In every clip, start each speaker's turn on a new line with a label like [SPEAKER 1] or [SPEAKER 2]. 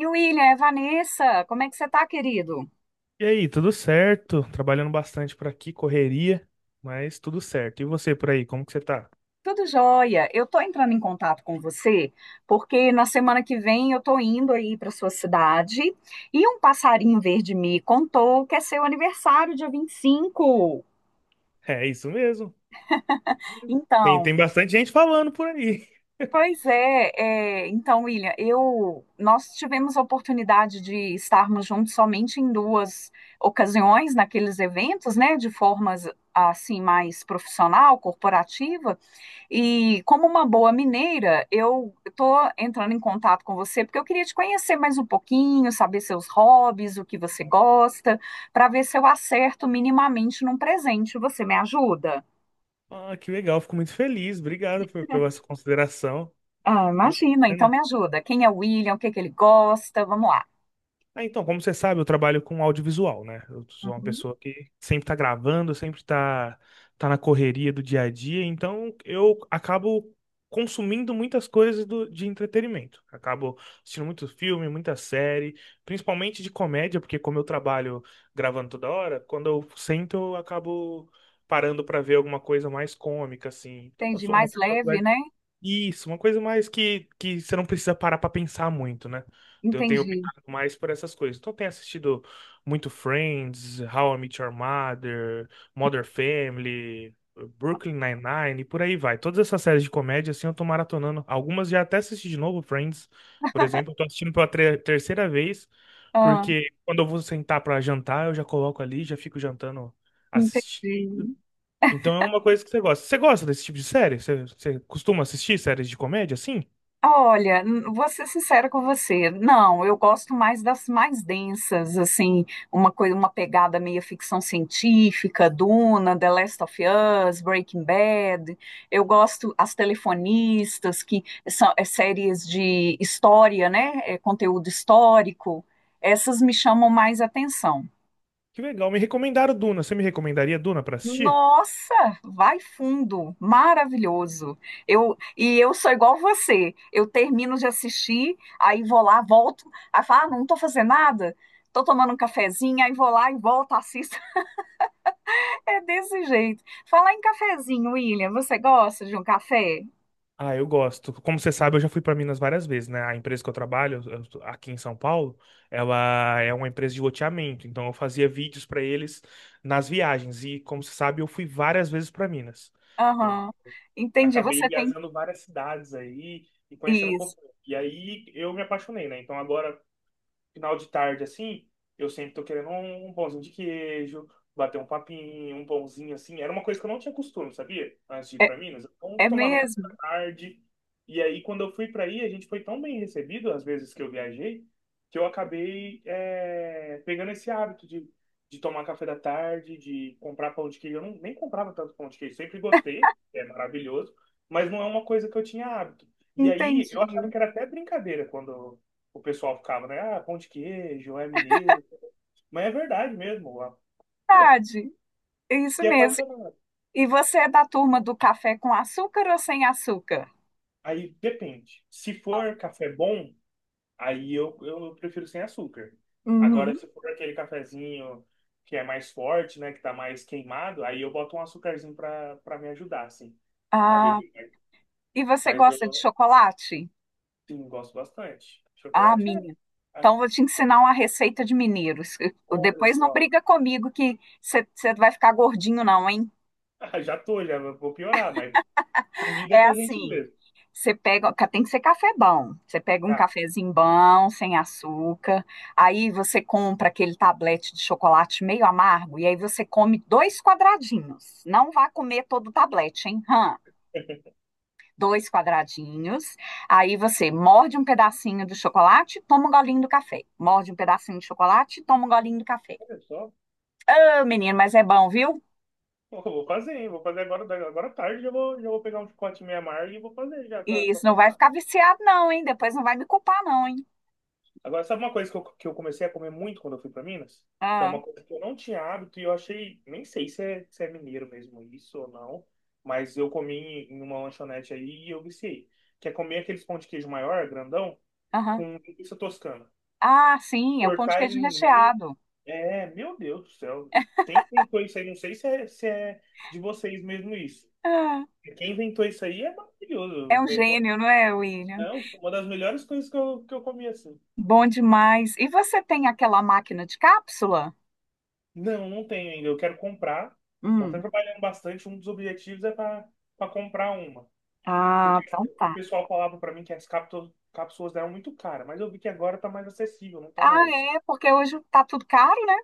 [SPEAKER 1] E William, é Vanessa, como é que você tá, querido?
[SPEAKER 2] E aí, tudo certo? Trabalhando bastante por aqui, correria, mas tudo certo. E você por aí, como que você tá?
[SPEAKER 1] Tudo jóia. Eu tô entrando em contato com você porque na semana que vem eu tô indo aí para sua cidade e um passarinho verde me contou que é seu aniversário, dia 25.
[SPEAKER 2] É isso mesmo. Tem,
[SPEAKER 1] Então,
[SPEAKER 2] tem bastante gente falando por aí.
[SPEAKER 1] pois é, então, William, eu nós tivemos a oportunidade de estarmos juntos somente em duas ocasiões naqueles eventos, né, de formas assim mais profissional, corporativa. E como uma boa mineira, eu estou entrando em contato com você porque eu queria te conhecer mais um pouquinho, saber seus hobbies, o que você gosta, para ver se eu acerto minimamente num presente. Você me ajuda?
[SPEAKER 2] Ah, que legal, fico muito feliz. Obrigado pela sua consideração.
[SPEAKER 1] Ah, imagina, então me ajuda. Quem é o William? O que é que ele gosta? Vamos lá.
[SPEAKER 2] Ah, então, como você sabe, eu trabalho com audiovisual, né? Eu sou uma
[SPEAKER 1] Uhum,
[SPEAKER 2] pessoa que sempre tá gravando, tá na correria do dia a dia, então eu acabo consumindo muitas coisas de entretenimento. Acabo assistindo muito filme, muita série, principalmente de comédia, porque como eu trabalho gravando toda hora, quando eu sento, eu acabo parando pra ver alguma coisa mais cômica, assim. Então, eu
[SPEAKER 1] entendi,
[SPEAKER 2] sou uma
[SPEAKER 1] mais
[SPEAKER 2] pessoa que vai
[SPEAKER 1] leve, né?
[SPEAKER 2] isso, uma coisa mais que você não precisa parar pra pensar muito, né? Eu tenho
[SPEAKER 1] Entendi.
[SPEAKER 2] optado mais por essas coisas. Então, eu tenho assistido muito Friends, How I Met Your Mother, Modern Family, Brooklyn Nine-Nine, e por aí vai. Todas essas séries de comédia, assim, eu tô maratonando. Algumas já até assisti de novo, Friends, por exemplo. Eu tô assistindo pela terceira vez,
[SPEAKER 1] Ah,
[SPEAKER 2] porque quando eu vou sentar pra jantar, eu já coloco ali, já fico jantando, assistindo.
[SPEAKER 1] entendi.
[SPEAKER 2] Então é uma coisa que você gosta. Você gosta desse tipo de série? Você costuma assistir séries de comédia assim?
[SPEAKER 1] Olha, vou ser sincera com você. Não, eu gosto mais das mais densas, assim, uma coisa, uma pegada meio ficção científica, Duna, The Last of Us, Breaking Bad. Eu gosto as telefonistas, que são é, séries de história, né? É, conteúdo histórico. Essas me chamam mais atenção.
[SPEAKER 2] Que legal. Me recomendaram Duna. Você me recomendaria Duna pra assistir?
[SPEAKER 1] Nossa, vai fundo, maravilhoso. Eu sou igual você. Eu termino de assistir, aí vou lá, volto, aí falo, ah, não tô fazendo nada, tô tomando um cafezinho, aí vou lá e volto, assisto. É desse jeito. Falar em cafezinho, William, você gosta de um café?
[SPEAKER 2] Ah, eu gosto. Como você sabe, eu já fui para Minas várias vezes, né? A empresa que eu trabalho, eu tô aqui em São Paulo, ela é uma empresa de loteamento, então eu fazia vídeos para eles nas viagens e, como você sabe, eu fui várias vezes para Minas. Eu
[SPEAKER 1] Aham. Entendi,
[SPEAKER 2] acabei
[SPEAKER 1] você tem
[SPEAKER 2] viajando várias cidades aí e conhecendo um
[SPEAKER 1] isso.
[SPEAKER 2] pouco. E aí eu me apaixonei, né? Então agora final de tarde assim, eu sempre tô querendo um pãozinho de queijo, bater um papinho, um pãozinho assim. Era uma coisa que eu não tinha costume, sabia? Antes de ir
[SPEAKER 1] É,
[SPEAKER 2] pra Minas. Então, eu
[SPEAKER 1] é
[SPEAKER 2] tomava café
[SPEAKER 1] mesmo?
[SPEAKER 2] da tarde. E aí, quando eu fui pra aí, a gente foi tão bem recebido, às vezes que eu viajei, que eu acabei pegando esse hábito de tomar café da tarde, de comprar pão de queijo. Eu não, nem comprava tanto pão de queijo, sempre gostei, é maravilhoso, mas não é uma coisa que eu tinha hábito. E aí,
[SPEAKER 1] Entendi.
[SPEAKER 2] eu achava que era até brincadeira quando o pessoal ficava, né? Ah, pão de queijo, é mineiro. Mas é verdade mesmo, ó. Pô,
[SPEAKER 1] Verdade. É isso
[SPEAKER 2] fiquei
[SPEAKER 1] mesmo.
[SPEAKER 2] apaixonado.
[SPEAKER 1] E você é da turma do café com açúcar ou sem açúcar?
[SPEAKER 2] Aí depende. Se for café bom, aí eu prefiro sem açúcar. Agora,
[SPEAKER 1] Uhum.
[SPEAKER 2] se for aquele cafezinho que é mais forte, né? Que tá mais queimado, aí eu boto um açucarzinho pra me ajudar, assim, a
[SPEAKER 1] Ah,
[SPEAKER 2] beber.
[SPEAKER 1] e você
[SPEAKER 2] Mas
[SPEAKER 1] gosta de
[SPEAKER 2] eu,
[SPEAKER 1] chocolate?
[SPEAKER 2] sim, gosto bastante.
[SPEAKER 1] Ah,
[SPEAKER 2] Chocolate é.
[SPEAKER 1] minha. Então vou te ensinar uma receita de mineiros.
[SPEAKER 2] Olha
[SPEAKER 1] Depois não
[SPEAKER 2] só.
[SPEAKER 1] briga comigo que você vai ficar gordinho não, hein?
[SPEAKER 2] Já tô, já vou piorar, mas comida é
[SPEAKER 1] É
[SPEAKER 2] com a gente
[SPEAKER 1] assim,
[SPEAKER 2] mesmo.
[SPEAKER 1] você pega, tem que ser café bom. Você pega um
[SPEAKER 2] Tá.
[SPEAKER 1] cafezinho bom, sem açúcar. Aí você compra aquele tablete de chocolate meio amargo e aí você come dois quadradinhos. Não vá comer todo o tablete, hein? Hã? Dois quadradinhos. Aí você morde um pedacinho do chocolate, toma um golinho do café. Morde um pedacinho de chocolate, toma um golinho do café.
[SPEAKER 2] Olha só,
[SPEAKER 1] Ô, menino, mas é bom, viu?
[SPEAKER 2] eu vou fazer, hein? Vou fazer agora, agora à tarde. Já vou pegar um chicote meia amargo e vou fazer já
[SPEAKER 1] E
[SPEAKER 2] pra
[SPEAKER 1] isso não vai
[SPEAKER 2] cortar.
[SPEAKER 1] ficar viciado, não, hein? Depois não vai me culpar, não, hein?
[SPEAKER 2] Agora, sabe uma coisa que eu comecei a comer muito quando eu fui pra Minas? Que é
[SPEAKER 1] Ah,
[SPEAKER 2] uma coisa que eu não tinha hábito e eu achei. Nem sei se é mineiro mesmo isso ou não. Mas eu comi em uma lanchonete aí e eu viciei. Que é comer aqueles pão de queijo maior, grandão,
[SPEAKER 1] aham.
[SPEAKER 2] com linguiça toscana.
[SPEAKER 1] Ah, sim, é o pão de
[SPEAKER 2] Cortar
[SPEAKER 1] queijo
[SPEAKER 2] ele no meio.
[SPEAKER 1] recheado.
[SPEAKER 2] É, meu Deus do céu. Quem inventou isso aí? Não sei se é de vocês mesmo isso.
[SPEAKER 1] Ah,
[SPEAKER 2] Quem inventou isso aí é maravilhoso.
[SPEAKER 1] é um
[SPEAKER 2] Inventou
[SPEAKER 1] gênio, não é, William?
[SPEAKER 2] não, uma das melhores coisas que eu comi assim.
[SPEAKER 1] Bom demais. E você tem aquela máquina de cápsula?
[SPEAKER 2] Não, não tenho ainda. Eu quero comprar. Tô até
[SPEAKER 1] Hum.
[SPEAKER 2] trabalhando bastante. Um dos objetivos é para comprar uma.
[SPEAKER 1] Ah,
[SPEAKER 2] Porque
[SPEAKER 1] então
[SPEAKER 2] o
[SPEAKER 1] tá.
[SPEAKER 2] pessoal falava para mim que as cápsulas eram muito caras, mas eu vi que agora tá mais acessível, não tá
[SPEAKER 1] Ah,
[SPEAKER 2] mais.
[SPEAKER 1] é, porque hoje tá tudo caro, né?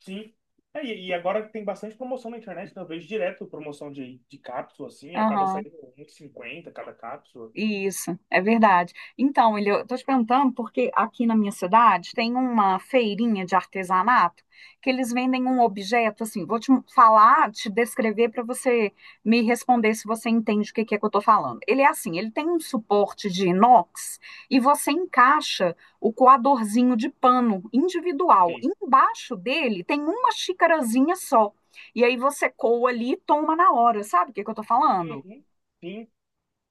[SPEAKER 2] Sim. E agora tem bastante promoção na internet, né? Eu vejo direto promoção de cápsula, assim, acaba
[SPEAKER 1] Aham.
[SPEAKER 2] saindo 1,50 cada cápsula.
[SPEAKER 1] Isso, é verdade. Então, ele, eu tô te perguntando porque aqui na minha cidade tem uma feirinha de artesanato que eles vendem um objeto assim. Vou te falar, te descrever para você me responder se você entende o que que é que eu tô falando. Ele é assim, ele tem um suporte de inox e você encaixa o coadorzinho de pano individual.
[SPEAKER 2] E,
[SPEAKER 1] Embaixo dele tem uma xicarazinha só. E aí você coa ali e toma na hora. Sabe o que que eu tô falando?
[SPEAKER 2] uhum, sim.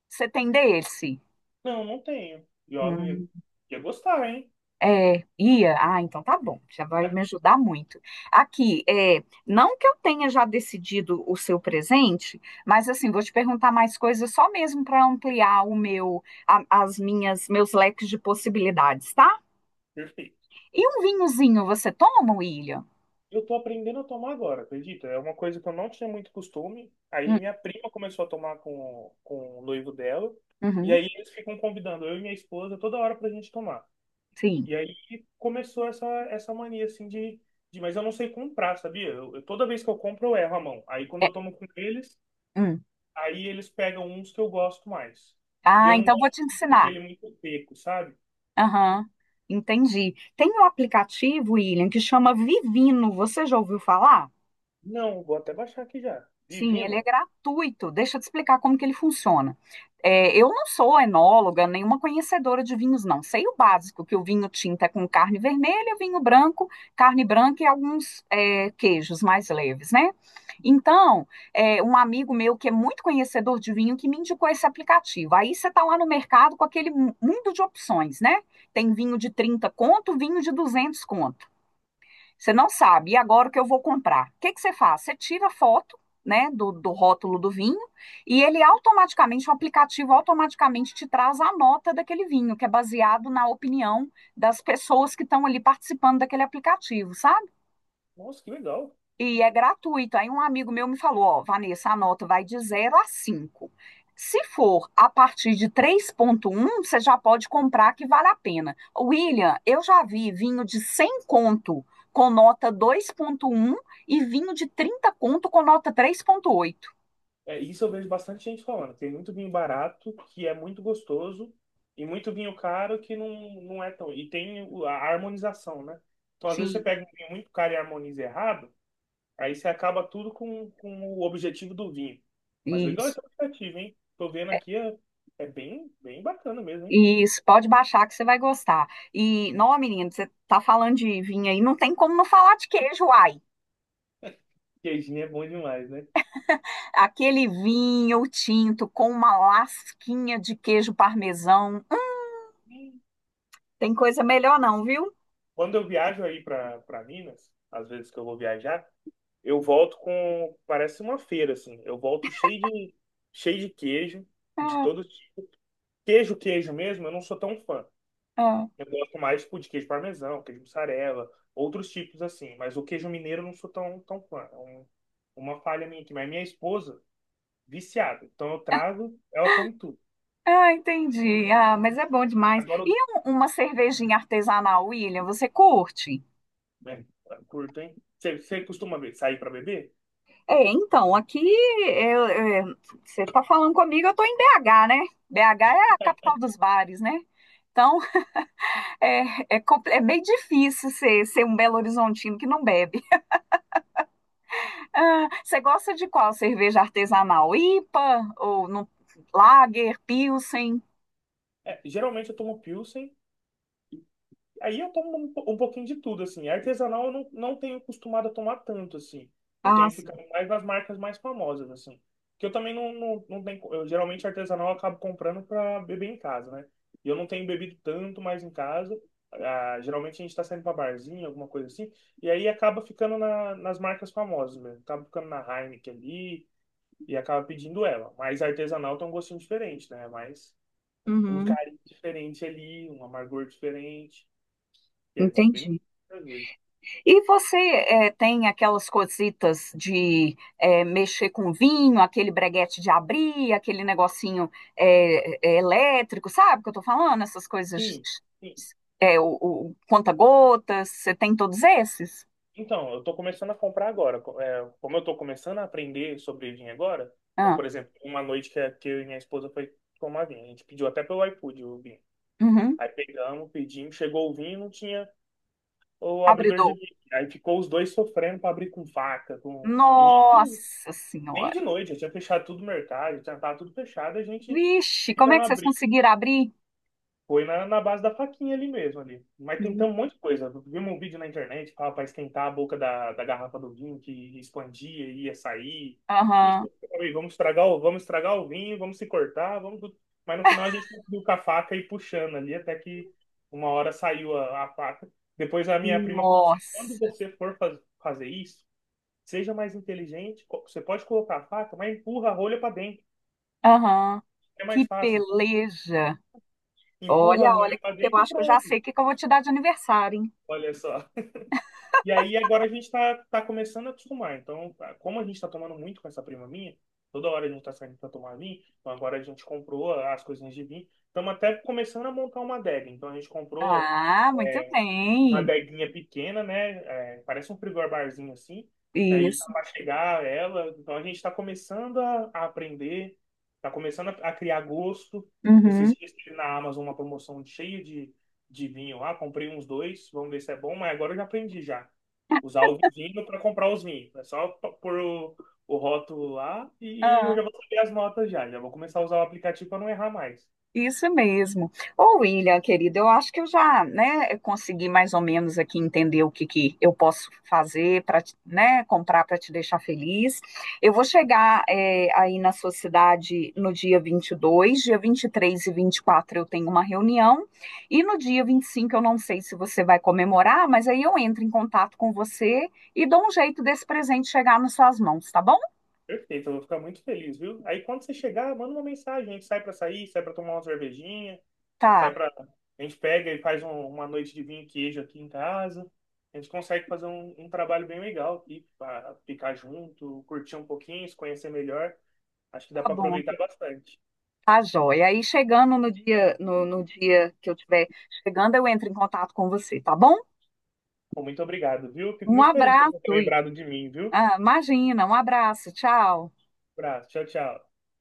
[SPEAKER 1] Você tem desse?
[SPEAKER 2] Não, não tenho. E olha, eu ia gostar, hein?
[SPEAKER 1] É, ia? Ah, então tá bom, já vai me ajudar muito. Aqui, é, não que eu tenha já decidido o seu presente, mas assim, vou te perguntar mais coisas só mesmo para ampliar o meu, as minhas, meus leques de possibilidades, tá?
[SPEAKER 2] Perfeito.
[SPEAKER 1] E um vinhozinho você toma, William?
[SPEAKER 2] Eu tô aprendendo a tomar agora, acredita? É uma coisa que eu não tinha muito costume. Aí
[SPEAKER 1] Hum,
[SPEAKER 2] minha prima começou a tomar com o noivo dela. E
[SPEAKER 1] uhum,
[SPEAKER 2] aí eles ficam convidando eu e minha esposa toda hora pra gente tomar.
[SPEAKER 1] sim.
[SPEAKER 2] E aí começou essa mania, assim, de... Mas eu não sei comprar, sabia? Toda vez que eu compro, eu erro a mão. Aí quando
[SPEAKER 1] É,
[SPEAKER 2] eu tomo com eles,
[SPEAKER 1] hum.
[SPEAKER 2] aí eles pegam uns que eu gosto mais. E
[SPEAKER 1] Ah,
[SPEAKER 2] eu não
[SPEAKER 1] então vou
[SPEAKER 2] gosto
[SPEAKER 1] te
[SPEAKER 2] muito
[SPEAKER 1] ensinar.
[SPEAKER 2] daquele muito seco, sabe?
[SPEAKER 1] Aham, entendi. Tem um aplicativo, William, que chama Vivino, você já ouviu falar?
[SPEAKER 2] Não, vou até baixar aqui já.
[SPEAKER 1] Sim, ele é
[SPEAKER 2] Divino.
[SPEAKER 1] gratuito. Deixa eu te explicar como que ele funciona. É, eu não sou enóloga, nenhuma conhecedora de vinhos, não. Sei o básico, que o vinho tinto é com carne vermelha, vinho branco, carne branca e alguns é, queijos mais leves, né? Então, é, um amigo meu que é muito conhecedor de vinho que me indicou esse aplicativo. Aí você está lá no mercado com aquele mundo de opções, né? Tem vinho de 30 conto, vinho de 200 conto. Você não sabe, e agora o que eu vou comprar? O que que você faz? Você tira a foto, né, do, do rótulo do vinho e ele automaticamente, o aplicativo automaticamente te traz a nota daquele vinho, que é baseado na opinião das pessoas que estão ali participando daquele aplicativo, sabe?
[SPEAKER 2] Nossa, que legal.
[SPEAKER 1] E é gratuito. Aí um amigo meu me falou, ó, Vanessa, a nota vai de 0 a 5. Se for a partir de 3,1, você já pode comprar que vale a pena. William, eu já vi vinho de 100 conto com nota 2,1 e vinho de 30 conto com nota 3,8.
[SPEAKER 2] É, isso eu vejo bastante gente falando. Tem muito vinho barato, que é muito gostoso, e muito vinho caro que não, não é tão. E tem a harmonização, né? Então, às vezes, você
[SPEAKER 1] Sim,
[SPEAKER 2] pega um vinho muito caro e harmoniza errado, aí você acaba tudo com o objetivo do vinho. Mas legal é
[SPEAKER 1] isso.
[SPEAKER 2] esse aplicativo, hein? Tô vendo
[SPEAKER 1] É,
[SPEAKER 2] aqui, é, é bem, bem bacana mesmo, hein?
[SPEAKER 1] isso, pode baixar que você vai gostar. E, não, menino, você tá falando de vinho aí, não tem como não falar de queijo, uai.
[SPEAKER 2] Queijinho é bom demais, né?
[SPEAKER 1] Aquele vinho tinto com uma lasquinha de queijo parmesão. Tem coisa melhor não, viu?
[SPEAKER 2] Quando eu viajo aí pra Minas, às vezes que eu vou viajar, eu volto com, parece uma feira, assim. Eu volto cheio cheio de queijo, de
[SPEAKER 1] Ah,
[SPEAKER 2] todo tipo. Queijo, queijo mesmo, eu não sou tão fã.
[SPEAKER 1] ah.
[SPEAKER 2] Eu gosto mais, tipo, de queijo parmesão, queijo mussarela, outros tipos assim. Mas o queijo mineiro eu não sou tão fã. É uma falha minha aqui. Mas minha esposa, viciada. Então eu trago, ela come tudo.
[SPEAKER 1] Ah, entendi. Ah, mas é bom demais.
[SPEAKER 2] Agora,
[SPEAKER 1] E uma cervejinha artesanal, William, você curte?
[SPEAKER 2] é, curto, hein? Você costuma sair pra beber?
[SPEAKER 1] É, então, aqui eu- eu- você está falando comigo, eu estou em BH, né? BH é a capital dos bares, né? Então, é meio difícil ser, ser um Belo Horizontino que não bebe. Ah, você gosta de qual cerveja artesanal? IPA ou no, Lager, Pilsen?
[SPEAKER 2] É, geralmente eu tomo Pilsen. Aí eu tomo um pouquinho de tudo, assim. Artesanal eu não tenho costumado a tomar tanto, assim. Eu
[SPEAKER 1] Ah,
[SPEAKER 2] tenho
[SPEAKER 1] sim.
[SPEAKER 2] ficado mais nas marcas mais famosas, assim. Que eu também não tenho. Eu, geralmente artesanal eu acabo comprando pra beber em casa, né? E eu não tenho bebido tanto mais em casa. Ah, geralmente a gente tá saindo pra barzinho, alguma coisa assim. E aí acaba ficando nas marcas famosas mesmo. Acaba ficando na Heineken ali e acaba pedindo ela. Mas artesanal tem um gostinho diferente, né? É mais um
[SPEAKER 1] Uhum,
[SPEAKER 2] carinho diferente ali, um amargor diferente que é muito bem,
[SPEAKER 1] entendi.
[SPEAKER 2] às vezes.
[SPEAKER 1] E você tem aquelas cositas de mexer com vinho, aquele breguete de abrir, aquele negocinho elétrico, sabe o que eu tô falando? Essas coisas,
[SPEAKER 2] Sim, sim.
[SPEAKER 1] eh, o, o conta-gotas, você tem todos esses?
[SPEAKER 2] Então, eu estou começando a comprar agora. Como eu estou começando a aprender sobre vinho agora, então,
[SPEAKER 1] Ah,
[SPEAKER 2] por exemplo, uma noite que eu e minha esposa foi tomar vinho, a gente pediu até pelo iFood o vinho.
[SPEAKER 1] uhum.
[SPEAKER 2] Aí pegamos, pedimos, chegou o vinho, e não tinha o abridor de
[SPEAKER 1] Abridor.
[SPEAKER 2] vinho. Aí ficou os dois sofrendo para abrir com faca, com... E isso
[SPEAKER 1] Nossa
[SPEAKER 2] bem
[SPEAKER 1] Senhora!
[SPEAKER 2] de noite, já tinha fechado tudo o mercado, já estava tudo fechado, a gente
[SPEAKER 1] Vixe, como é
[SPEAKER 2] tentando
[SPEAKER 1] que vocês
[SPEAKER 2] abrir.
[SPEAKER 1] conseguiram abrir?
[SPEAKER 2] Foi na base da faquinha ali mesmo, ali. Mas tentamos um monte de coisa. Vimos um vídeo na internet para pra esquentar a boca da garrafa do vinho, que expandia e ia sair. Ixi,
[SPEAKER 1] Aham.
[SPEAKER 2] aí, vamos estragar vamos estragar o vinho, vamos se cortar, vamos... tudo. Mas no final a gente conseguiu com a faca e puxando ali, até que uma hora saiu a faca. Depois a minha prima falou assim, quando
[SPEAKER 1] Nossa.
[SPEAKER 2] você for fazer isso, seja mais inteligente, você pode colocar a faca, mas empurra a rolha para dentro.
[SPEAKER 1] Aham.
[SPEAKER 2] É mais
[SPEAKER 1] Que
[SPEAKER 2] fácil.
[SPEAKER 1] peleja.
[SPEAKER 2] Empurra a
[SPEAKER 1] Olha,
[SPEAKER 2] rolha
[SPEAKER 1] olha,
[SPEAKER 2] para
[SPEAKER 1] que eu
[SPEAKER 2] dentro e
[SPEAKER 1] acho que eu já sei
[SPEAKER 2] pronto.
[SPEAKER 1] o que que eu vou te dar de aniversário, hein?
[SPEAKER 2] Olha só. E aí agora a gente está tá começando a acostumar. Então, como a gente está tomando muito com essa prima minha, toda hora a gente está saindo para tomar vinho, então agora a gente comprou as coisinhas de vinho. Estamos até começando a montar uma adega. Então a gente comprou
[SPEAKER 1] Ah, muito
[SPEAKER 2] uma
[SPEAKER 1] bem.
[SPEAKER 2] adeguinha pequena, né? É, parece um frigor barzinho assim. Aí tá
[SPEAKER 1] Isso.
[SPEAKER 2] para chegar ela, então a gente está começando a aprender, está começando a criar gosto. Esses
[SPEAKER 1] Uhum.
[SPEAKER 2] dias tive na Amazon uma promoção cheia de vinho lá, comprei uns dois, vamos ver se é bom, mas agora eu já aprendi já. Usar o vinho para comprar os vinhos. É só pôr o rótulo lá e eu já vou saber as notas já. Já vou começar a usar o aplicativo para não errar mais.
[SPEAKER 1] Isso mesmo. Ô, William, querido, eu acho que eu já, né, consegui mais ou menos aqui entender o que que eu posso fazer para, né, comprar para te deixar feliz. Eu vou chegar, é, aí na sua cidade no dia 22, dia 23 e 24 eu tenho uma reunião, e no dia 25 eu não sei se você vai comemorar, mas aí eu entro em contato com você e dou um jeito desse presente chegar nas suas mãos, tá bom?
[SPEAKER 2] Perfeito, eu vou ficar muito feliz, viu? Aí quando você chegar, manda uma mensagem, a gente sai pra sair, sai pra tomar uma cervejinha, sai
[SPEAKER 1] Tá,
[SPEAKER 2] pra. A gente pega e faz uma noite de vinho e queijo aqui em casa. A gente consegue fazer um trabalho bem legal aqui para ficar junto, curtir um pouquinho, se conhecer melhor. Acho que dá
[SPEAKER 1] tá
[SPEAKER 2] pra
[SPEAKER 1] bom.
[SPEAKER 2] aproveitar bastante.
[SPEAKER 1] Tá joia. Aí chegando no dia, no, no dia que eu tiver chegando, eu entro em contato com você, tá bom?
[SPEAKER 2] Bom, muito obrigado, viu? Fico
[SPEAKER 1] Um
[SPEAKER 2] muito feliz de você ter
[SPEAKER 1] abraço.
[SPEAKER 2] lembrado de mim, viu?
[SPEAKER 1] Ah, imagina, um abraço. Tchau.
[SPEAKER 2] Abraço, tchau, tchau.